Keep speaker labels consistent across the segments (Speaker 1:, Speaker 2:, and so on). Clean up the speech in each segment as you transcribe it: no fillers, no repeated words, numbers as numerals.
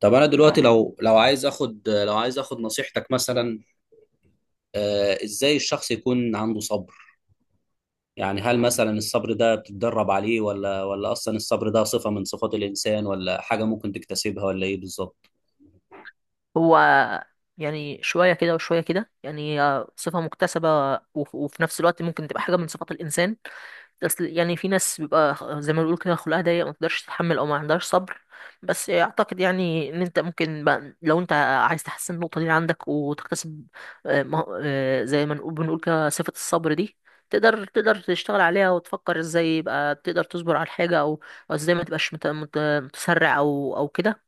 Speaker 1: طب انا دلوقتي لو عايز اخد نصيحتك مثلا. ازاي الشخص يكون عنده صبر؟ يعني هل مثلا الصبر ده بتتدرب عليه ولا اصلا الصبر ده صفة من صفات الانسان ولا حاجة ممكن تكتسبها ولا ايه بالظبط؟
Speaker 2: هو يعني شوية كده وشوية كده، يعني هي صفة مكتسبة. وفي نفس الوقت ممكن تبقى حاجة من صفات الإنسان. بس يعني في ناس بيبقى زي ما بيقولوا كده خلقها ضيق، ما تقدرش تتحمل أو ما عندهاش صبر. بس أعتقد يعني إن أنت ممكن بقى، لو أنت عايز تحسن النقطة دي عندك وتكتسب، زي ما نقول بنقول كده صفة الصبر دي، تقدر تشتغل عليها وتفكر ازاي يبقى تقدر تصبر على الحاجة، او ازاي ما تبقاش متسرع او كده.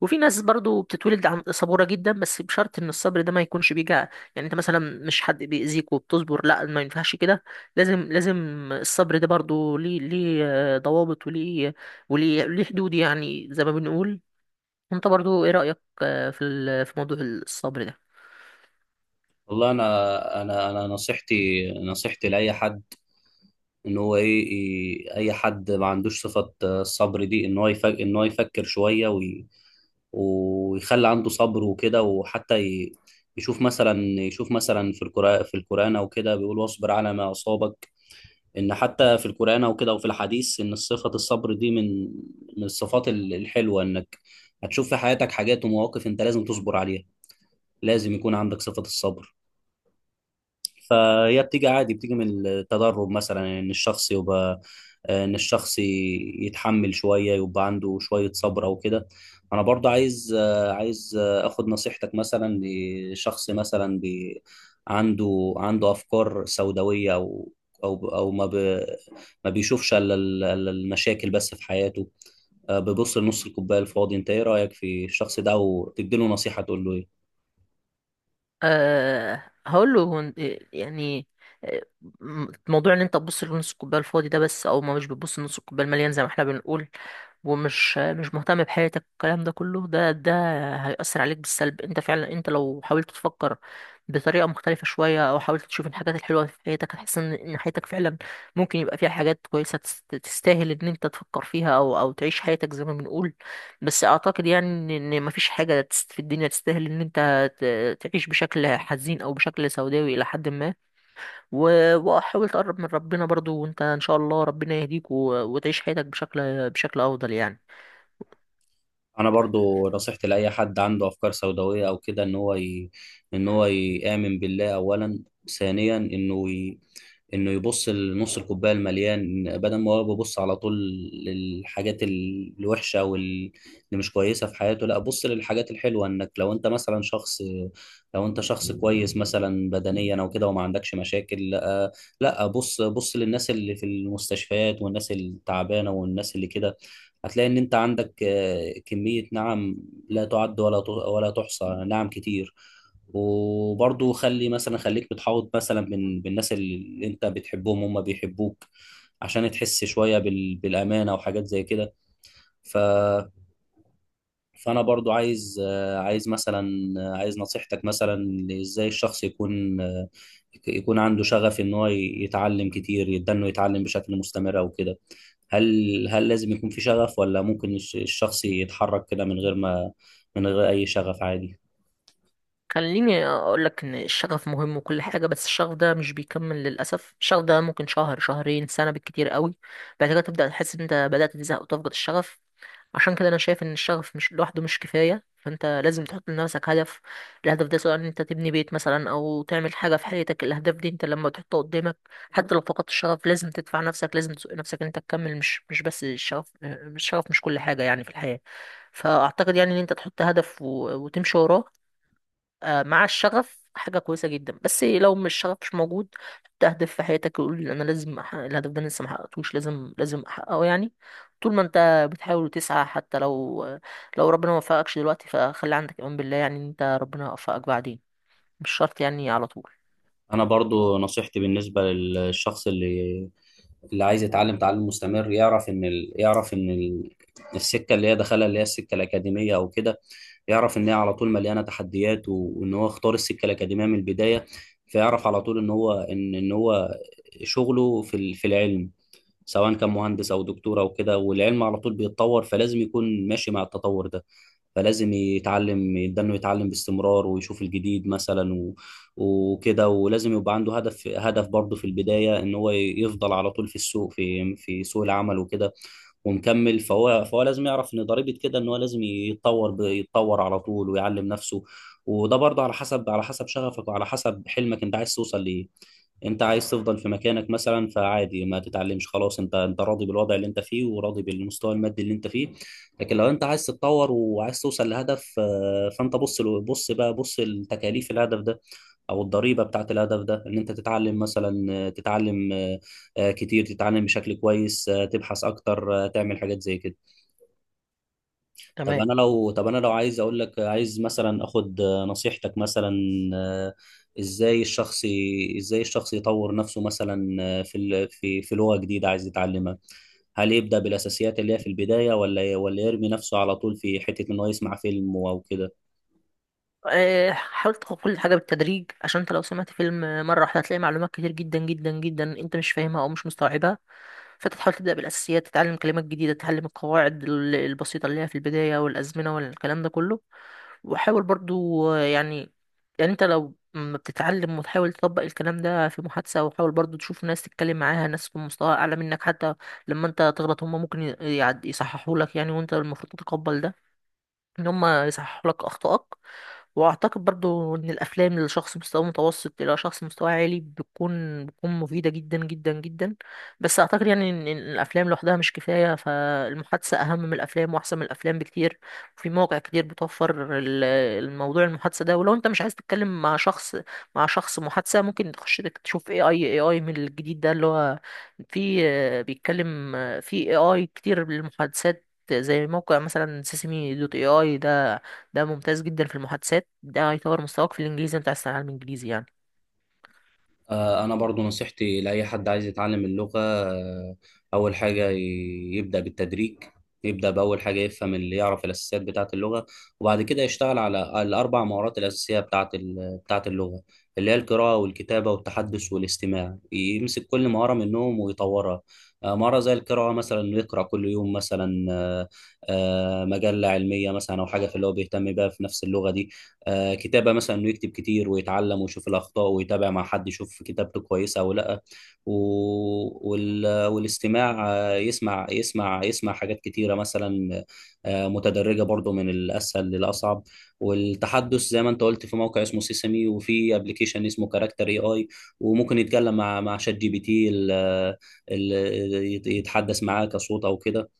Speaker 2: وفي ناس برضو بتتولد عن صبورة جدا، بس بشرط ان الصبر ده ما يكونش بيجع. يعني انت مثلا مش حد بيأذيك وبتصبر، لا ما ينفعش كده. لازم لازم، الصبر ده برضو ليه ضوابط، وليه حدود يعني زي ما بنقول. انت برضو ايه رأيك في موضوع الصبر ده؟
Speaker 1: والله انا نصيحتي لاي حد ان هو ايه إيه- اي حد ما عندوش صفة الصبر دي ان هو يفكر شوية ويخلي عنده صبر وكده، وحتى يشوف مثلا في القرآن او كده بيقول: واصبر على ما أصابك. ان حتى في القرآن او كده وفي الحديث ان صفة الصبر دي من الصفات الحلوة، انك هتشوف في حياتك حاجات ومواقف انت لازم تصبر عليها. لازم يكون عندك صفة الصبر. فهي بتيجي عادي، بتيجي من التدرب مثلا، ان الشخص يتحمل شويه، يبقى عنده شويه صبر او كده. انا برضه عايز اخد نصيحتك مثلا لشخص مثلا عنده افكار سوداويه، او ما بيشوفش إلا المشاكل بس في حياته، بيبص لنص الكوبايه الفاضي. انت ايه رايك في الشخص ده، وتديله نصيحه تقول له ايه؟
Speaker 2: أه، هقول له، هو إنت- يعني آه، م- موضوع ان انت تبص لنص الكوبايه الفاضي ده بس، او ما مش بتبص لنص الكوبايه المليان زي ما احنا بنقول، ومش مش مهتم بحياتك، الكلام ده كله ده هيأثر عليك بالسلب. انت فعلا، انت لو حاولت تفكر بطريقة مختلفة شوية، او حاولت تشوف الحاجات الحلوة في حياتك، هتحس ان حياتك فعلا ممكن يبقى فيها حاجات كويسة تستاهل ان انت تفكر فيها او تعيش حياتك زي ما بنقول. بس اعتقد يعني ان مفيش حاجة في الدنيا تستاهل ان انت تعيش بشكل حزين او بشكل سوداوي الى حد ما. وحاول تقرب من ربنا برضو، وانت ان شاء الله ربنا يهديك، وتعيش حياتك بشكل افضل يعني.
Speaker 1: انا برضو نصيحتي لاي حد عنده افكار سوداويه او كده ان هو يامن بالله اولا، ثانيا انه يبص لنص الكوبايه المليان، بدل ما هو بيبص على طول للحاجات الوحشه واللي مش كويسه في حياته. لا، بص للحاجات الحلوه، انك لو انت شخص كويس مثلا بدنيا او كده وما عندكش مشاكل، لا لا، بص بص للناس اللي في المستشفيات والناس التعبانه والناس اللي كده، هتلاقي ان انت عندك كميه، نعم، لا تعد ولا تحصى، نعم كتير. وبرضو خليك بتحاوط مثلا بالناس اللي انت بتحبهم هم بيحبوك، عشان تحس شوية بالأمانة وحاجات زي كده. ف... فأنا برضو عايز آه، عايز مثلا آه، عايز نصيحتك مثلا. ازاي الشخص يكون عنده شغف ان هو يتعلم كتير، يبدأ انه يتعلم بشكل مستمر او كده؟ هل لازم يكون في شغف، ولا ممكن الشخص يتحرك كده من غير أي شغف عادي؟
Speaker 2: خليني اقول لك ان الشغف مهم وكل حاجه، بس الشغف ده مش بيكمل للاسف. الشغف ده ممكن شهر شهرين سنه بالكتير قوي، بعد كده تبدا تحس ان انت بدات تزهق وتفقد الشغف. عشان كده انا شايف ان الشغف مش لوحده، مش كفايه. فانت لازم تحط لنفسك هدف. الهدف ده، سواء ان انت تبني بيت مثلا او تعمل حاجه في حياتك، الاهداف دي انت لما تحطها قدامك، حتى لو فقدت الشغف، لازم تدفع نفسك، لازم تسوق نفسك ان انت تكمل. مش بس الشغف، الشغف مش كل حاجه يعني في الحياه. فاعتقد يعني ان انت تحط هدف وتمشي وراه. آه، مع الشغف حاجة كويسة جدا، بس لو مش الشغف مش موجود، حط هدف في حياتك، يقول أنا لازم أحقق الهدف ده، أنا لسه محققتوش، لازم لازم أحققه يعني. طول ما أنت بتحاول وتسعى، حتى لو ربنا ما وفقكش دلوقتي، فخلي عندك إيمان بالله، يعني إن أنت ربنا يوفقك بعدين، مش شرط يعني على طول.
Speaker 1: انا برضو نصيحتي بالنسبه للشخص اللي عايز يتعلم تعلم مستمر، يعرف ان السكه اللي هي السكه الاكاديميه او كده، يعرف ان هي على طول مليانه تحديات وان هو اختار السكه الاكاديميه من البدايه. فيعرف على طول ان هو شغله في العلم، سواء كان مهندس او دكتور او كده، والعلم على طول بيتطور، فلازم يكون ماشي مع التطور ده، فلازم يتعلم، يبدأ انه يتعلم باستمرار ويشوف الجديد مثلا وكده. ولازم يبقى عنده هدف، هدف برضه في البداية، ان هو يفضل على طول في السوق في في سوق العمل وكده ومكمل، فهو لازم يعرف ان ضريبه كده ان هو لازم يتطور على طول ويعلم نفسه. وده برضه على حسب شغفك وعلى حسب حلمك. انت عايز توصل لايه؟ انت عايز تفضل في مكانك مثلا؟ فعادي ما تتعلمش، خلاص، انت راضي بالوضع اللي انت فيه، وراضي بالمستوى المادي اللي انت فيه. لكن لو انت عايز تتطور وعايز توصل لهدف، فانت بص له- بص بقى بص لتكاليف الهدف ده، او الضريبه بتاعت الهدف ده، ان انت تتعلم مثلا آه، تتعلم آه، آه، كتير، تتعلم بشكل كويس، تبحث اكتر، تعمل حاجات زي كده. طب
Speaker 2: تمام.
Speaker 1: انا لو طب انا لو عايز اقول لك، عايز مثلا اخد نصيحتك مثلا. آه، ازاي الشخص يطور نفسه مثلا في ال- في في لغة جديدة عايز يتعلمها؟ هل يبدأ بالاساسيات اللي هي في البداية، ولا يرمي نفسه على طول في حتة ان هو يسمع فيلم او كده؟
Speaker 2: آه، حاول تاخد كل حاجة بالتدريج، عشان انت لو سمعت فيلم مرة واحدة هتلاقي معلومات كتير جدا جدا جدا انت مش فاهمها او مش مستوعبها. فانت تحاول تبدا بالاساسيات، تتعلم كلمات جديده، تتعلم القواعد البسيطه اللي هي في البدايه، والازمنه والكلام ده كله. وحاول برضو، آه، يعني، يعني انت لو ما بتتعلم، وتحاول تطبق الكلام ده في محادثه، وحاول برضو تشوف ناس تتكلم معاها، ناس في مستوى اعلى منك حتى، لما انت تغلط هم ممكن يصححوا لك يعني، وانت المفروض تتقبل ده، ان هم يصححوا لك اخطائك. واعتقد برضو ان الافلام لشخص مستوى متوسط الى شخص مستوى عالي بتكون مفيده جدا جدا جدا. بس اعتقد يعني ان إن الافلام لوحدها مش كفايه. فالمحادثه اهم من الافلام، واحسن من الافلام بكتير. في مواقع كتير بتوفر الموضوع المحادثه ده. ولو انت مش عايز تتكلم مع شخص، مع شخص محادثه، ممكن تخش تشوف اي اي من الجديد ده اللي هو في، آه، بيتكلم، آه، في اي اي كتير للمحادثات، زي موقع مثلا سيسمي دوت اي اي ده. ده ممتاز جدا في المحادثات، ده هيطور مستواك في الانجليزي، انت عايز تتعلم انجليزي يعني.
Speaker 1: أنا برضو نصيحتي لأي حد عايز يتعلم اللغة، أول حاجة يبدأ بالتدريج، يبدأ بأول حاجة، يفهم اللي يعرف الأساسيات بتاعة اللغة، وبعد كده يشتغل على الأربع مهارات الأساسية بتاعة اللغة، اللي هي القراءة والكتابة والتحدث والاستماع. يمسك كل مهارة منهم ويطورها. مهارة زي القراءة مثلا، إنه يقرأ كل يوم مثلا مجلة علمية مثلا، أو حاجة في اللي هو بيهتم بيها في نفس اللغة دي. كتابة مثلا، انه يكتب كتير ويتعلم ويشوف الاخطاء ويتابع مع حد يشوف كتابته كويسة او لا. و... والاستماع، يسمع حاجات كتيرة مثلا، متدرجة برضو من الاسهل للاصعب. والتحدث، زي ما انت قلت، في موقع اسمه سيسمي، وفي ابلكيشن اسمه كاركتر اي اي، وممكن يتكلم مع شات جي بي تي، يتحدث معاه كصوت او كده.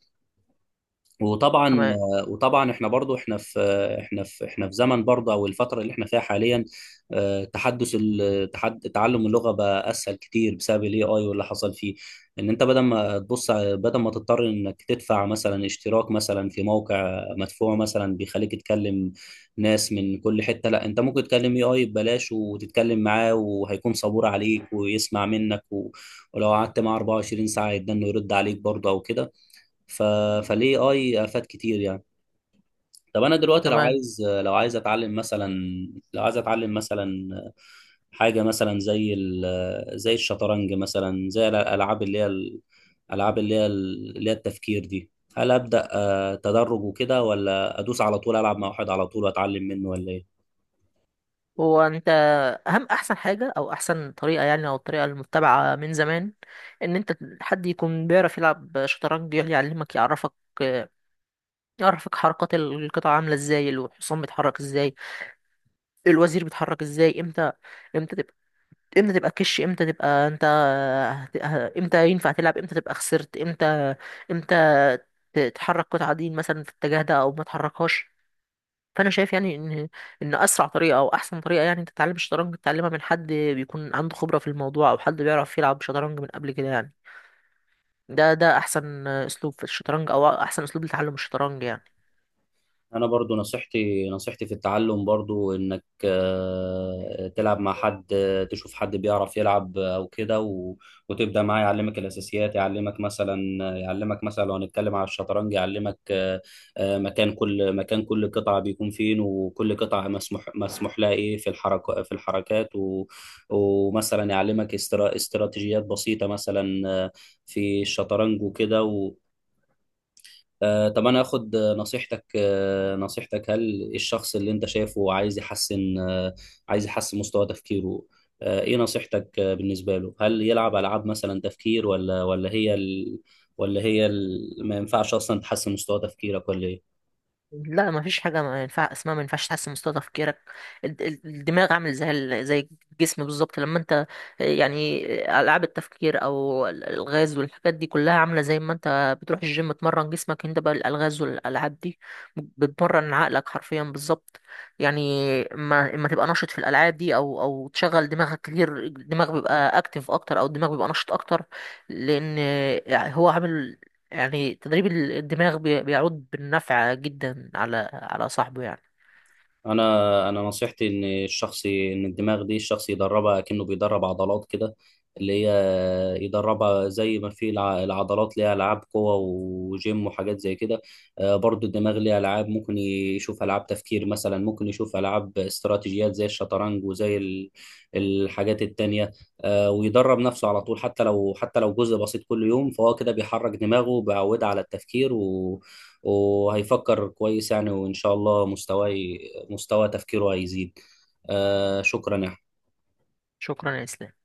Speaker 1: وطبعا،
Speaker 2: تمام.
Speaker 1: وطبعا احنا برضو احنا في احنا في احنا في زمن برضو، او الفتره اللي احنا فيها حاليا، تحدث ال- تحد تعلم اللغه بقى اسهل كتير، بسبب الاي اي واللي حصل فيه، ان انت بدل ما تضطر انك تدفع مثلا اشتراك مثلا في موقع مدفوع مثلا بيخليك تكلم ناس من كل حته، لا، انت ممكن تكلم اي اي ببلاش وتتكلم معاه، وهيكون صبور عليك ويسمع منك، ولو قعدت معاه 24 ساعه يدنه يرد عليك برضه او كده. ف... فالاي اي افاد كتير يعني. طب انا دلوقتي لو
Speaker 2: تمام.
Speaker 1: عايز لو عايز اتعلم مثلا حاجه مثلا زي الشطرنج مثلا، زي الالعاب اللي هي التفكير دي، هل ابدا تدرج وكده، ولا ادوس على طول، العب مع واحد على طول واتعلم منه، ولا ايه؟
Speaker 2: هو انت احسن حاجه او احسن طريقه يعني، او الطريقه المتبعه من زمان، ان انت حد يكون بيعرف يلعب شطرنج يعلمك، يعرفك حركات القطع عامله ازاي، الحصان بيتحرك ازاي، الوزير بيتحرك ازاي امتى، امتى تبقى، امتى تبقى كش، امتى تبقى امتى ينفع تلعب، امتى تبقى خسرت، امتى تحرك قطعة دين مثلا في الاتجاه ده او ما تحركهاش. فانا شايف يعني ان ان اسرع طريقه، او احسن طريقه يعني انت تتعلم الشطرنج، تتعلمها من حد بيكون عنده خبره في الموضوع، او حد بيعرف يلعب شطرنج من قبل كده يعني. ده احسن اسلوب في الشطرنج، او احسن اسلوب لتعلم الشطرنج يعني.
Speaker 1: انا برضو نصيحتي في التعلم برضو انك تلعب مع حد، تشوف حد بيعرف يلعب او كده، وتبدا معاه يعلمك الاساسيات، يعلمك مثلا لو هنتكلم على الشطرنج، يعلمك مكان كل قطعه بيكون فين، وكل قطعه مسموح لها ايه في الحركات، ومثلا يعلمك استراتيجيات بسيطه مثلا في الشطرنج وكده. طب انا اخد نصيحتك. هل إيه الشخص اللي انت شايفه عايز يحسن مستوى تفكيره؟ ايه نصيحتك بالنسبة له؟ هل يلعب العاب مثلا تفكير، ولا ما ينفعش اصلا تحسن مستوى تفكيرك، ولا ايه؟
Speaker 2: لا، ما فيش حاجه ما ينفع اسمها ما ينفعش تحسن مستوى تفكيرك. الدماغ عامل زي الجسم بالظبط. لما انت، يعني، العاب التفكير او الالغاز والحاجات دي كلها عامله زي ما انت بتروح الجيم تمرن جسمك، انت بقى الالغاز والالعاب دي بتمرن عقلك حرفيا بالظبط يعني. ما اما تبقى نشط في الالعاب دي، او تشغل دماغك كتير، الدماغ بيبقى اكتر، او الدماغ بيبقى نشط اكتر. لان هو عامل، يعني، تدريب الدماغ بيعود بالنفع جدا على صاحبه يعني.
Speaker 1: انا نصيحتي ان الدماغ دي الشخص يدربها، كأنه بيدرب عضلات كده، اللي هي يدربها زي ما في العضلات، ليها العاب قوة وجيم وحاجات زي كده. برضو الدماغ ليها العاب، ممكن يشوف العاب تفكير مثلا، ممكن يشوف العاب استراتيجيات زي الشطرنج، وزي الحاجات التانية. ويدرب نفسه على طول، حتى لو جزء بسيط كل يوم، فهو كده بيحرك دماغه، بيعودها على التفكير، وهيفكر كويس يعني، وإن شاء الله مستوى تفكيره هيزيد. شكرا يا
Speaker 2: شكرا يا اسلام.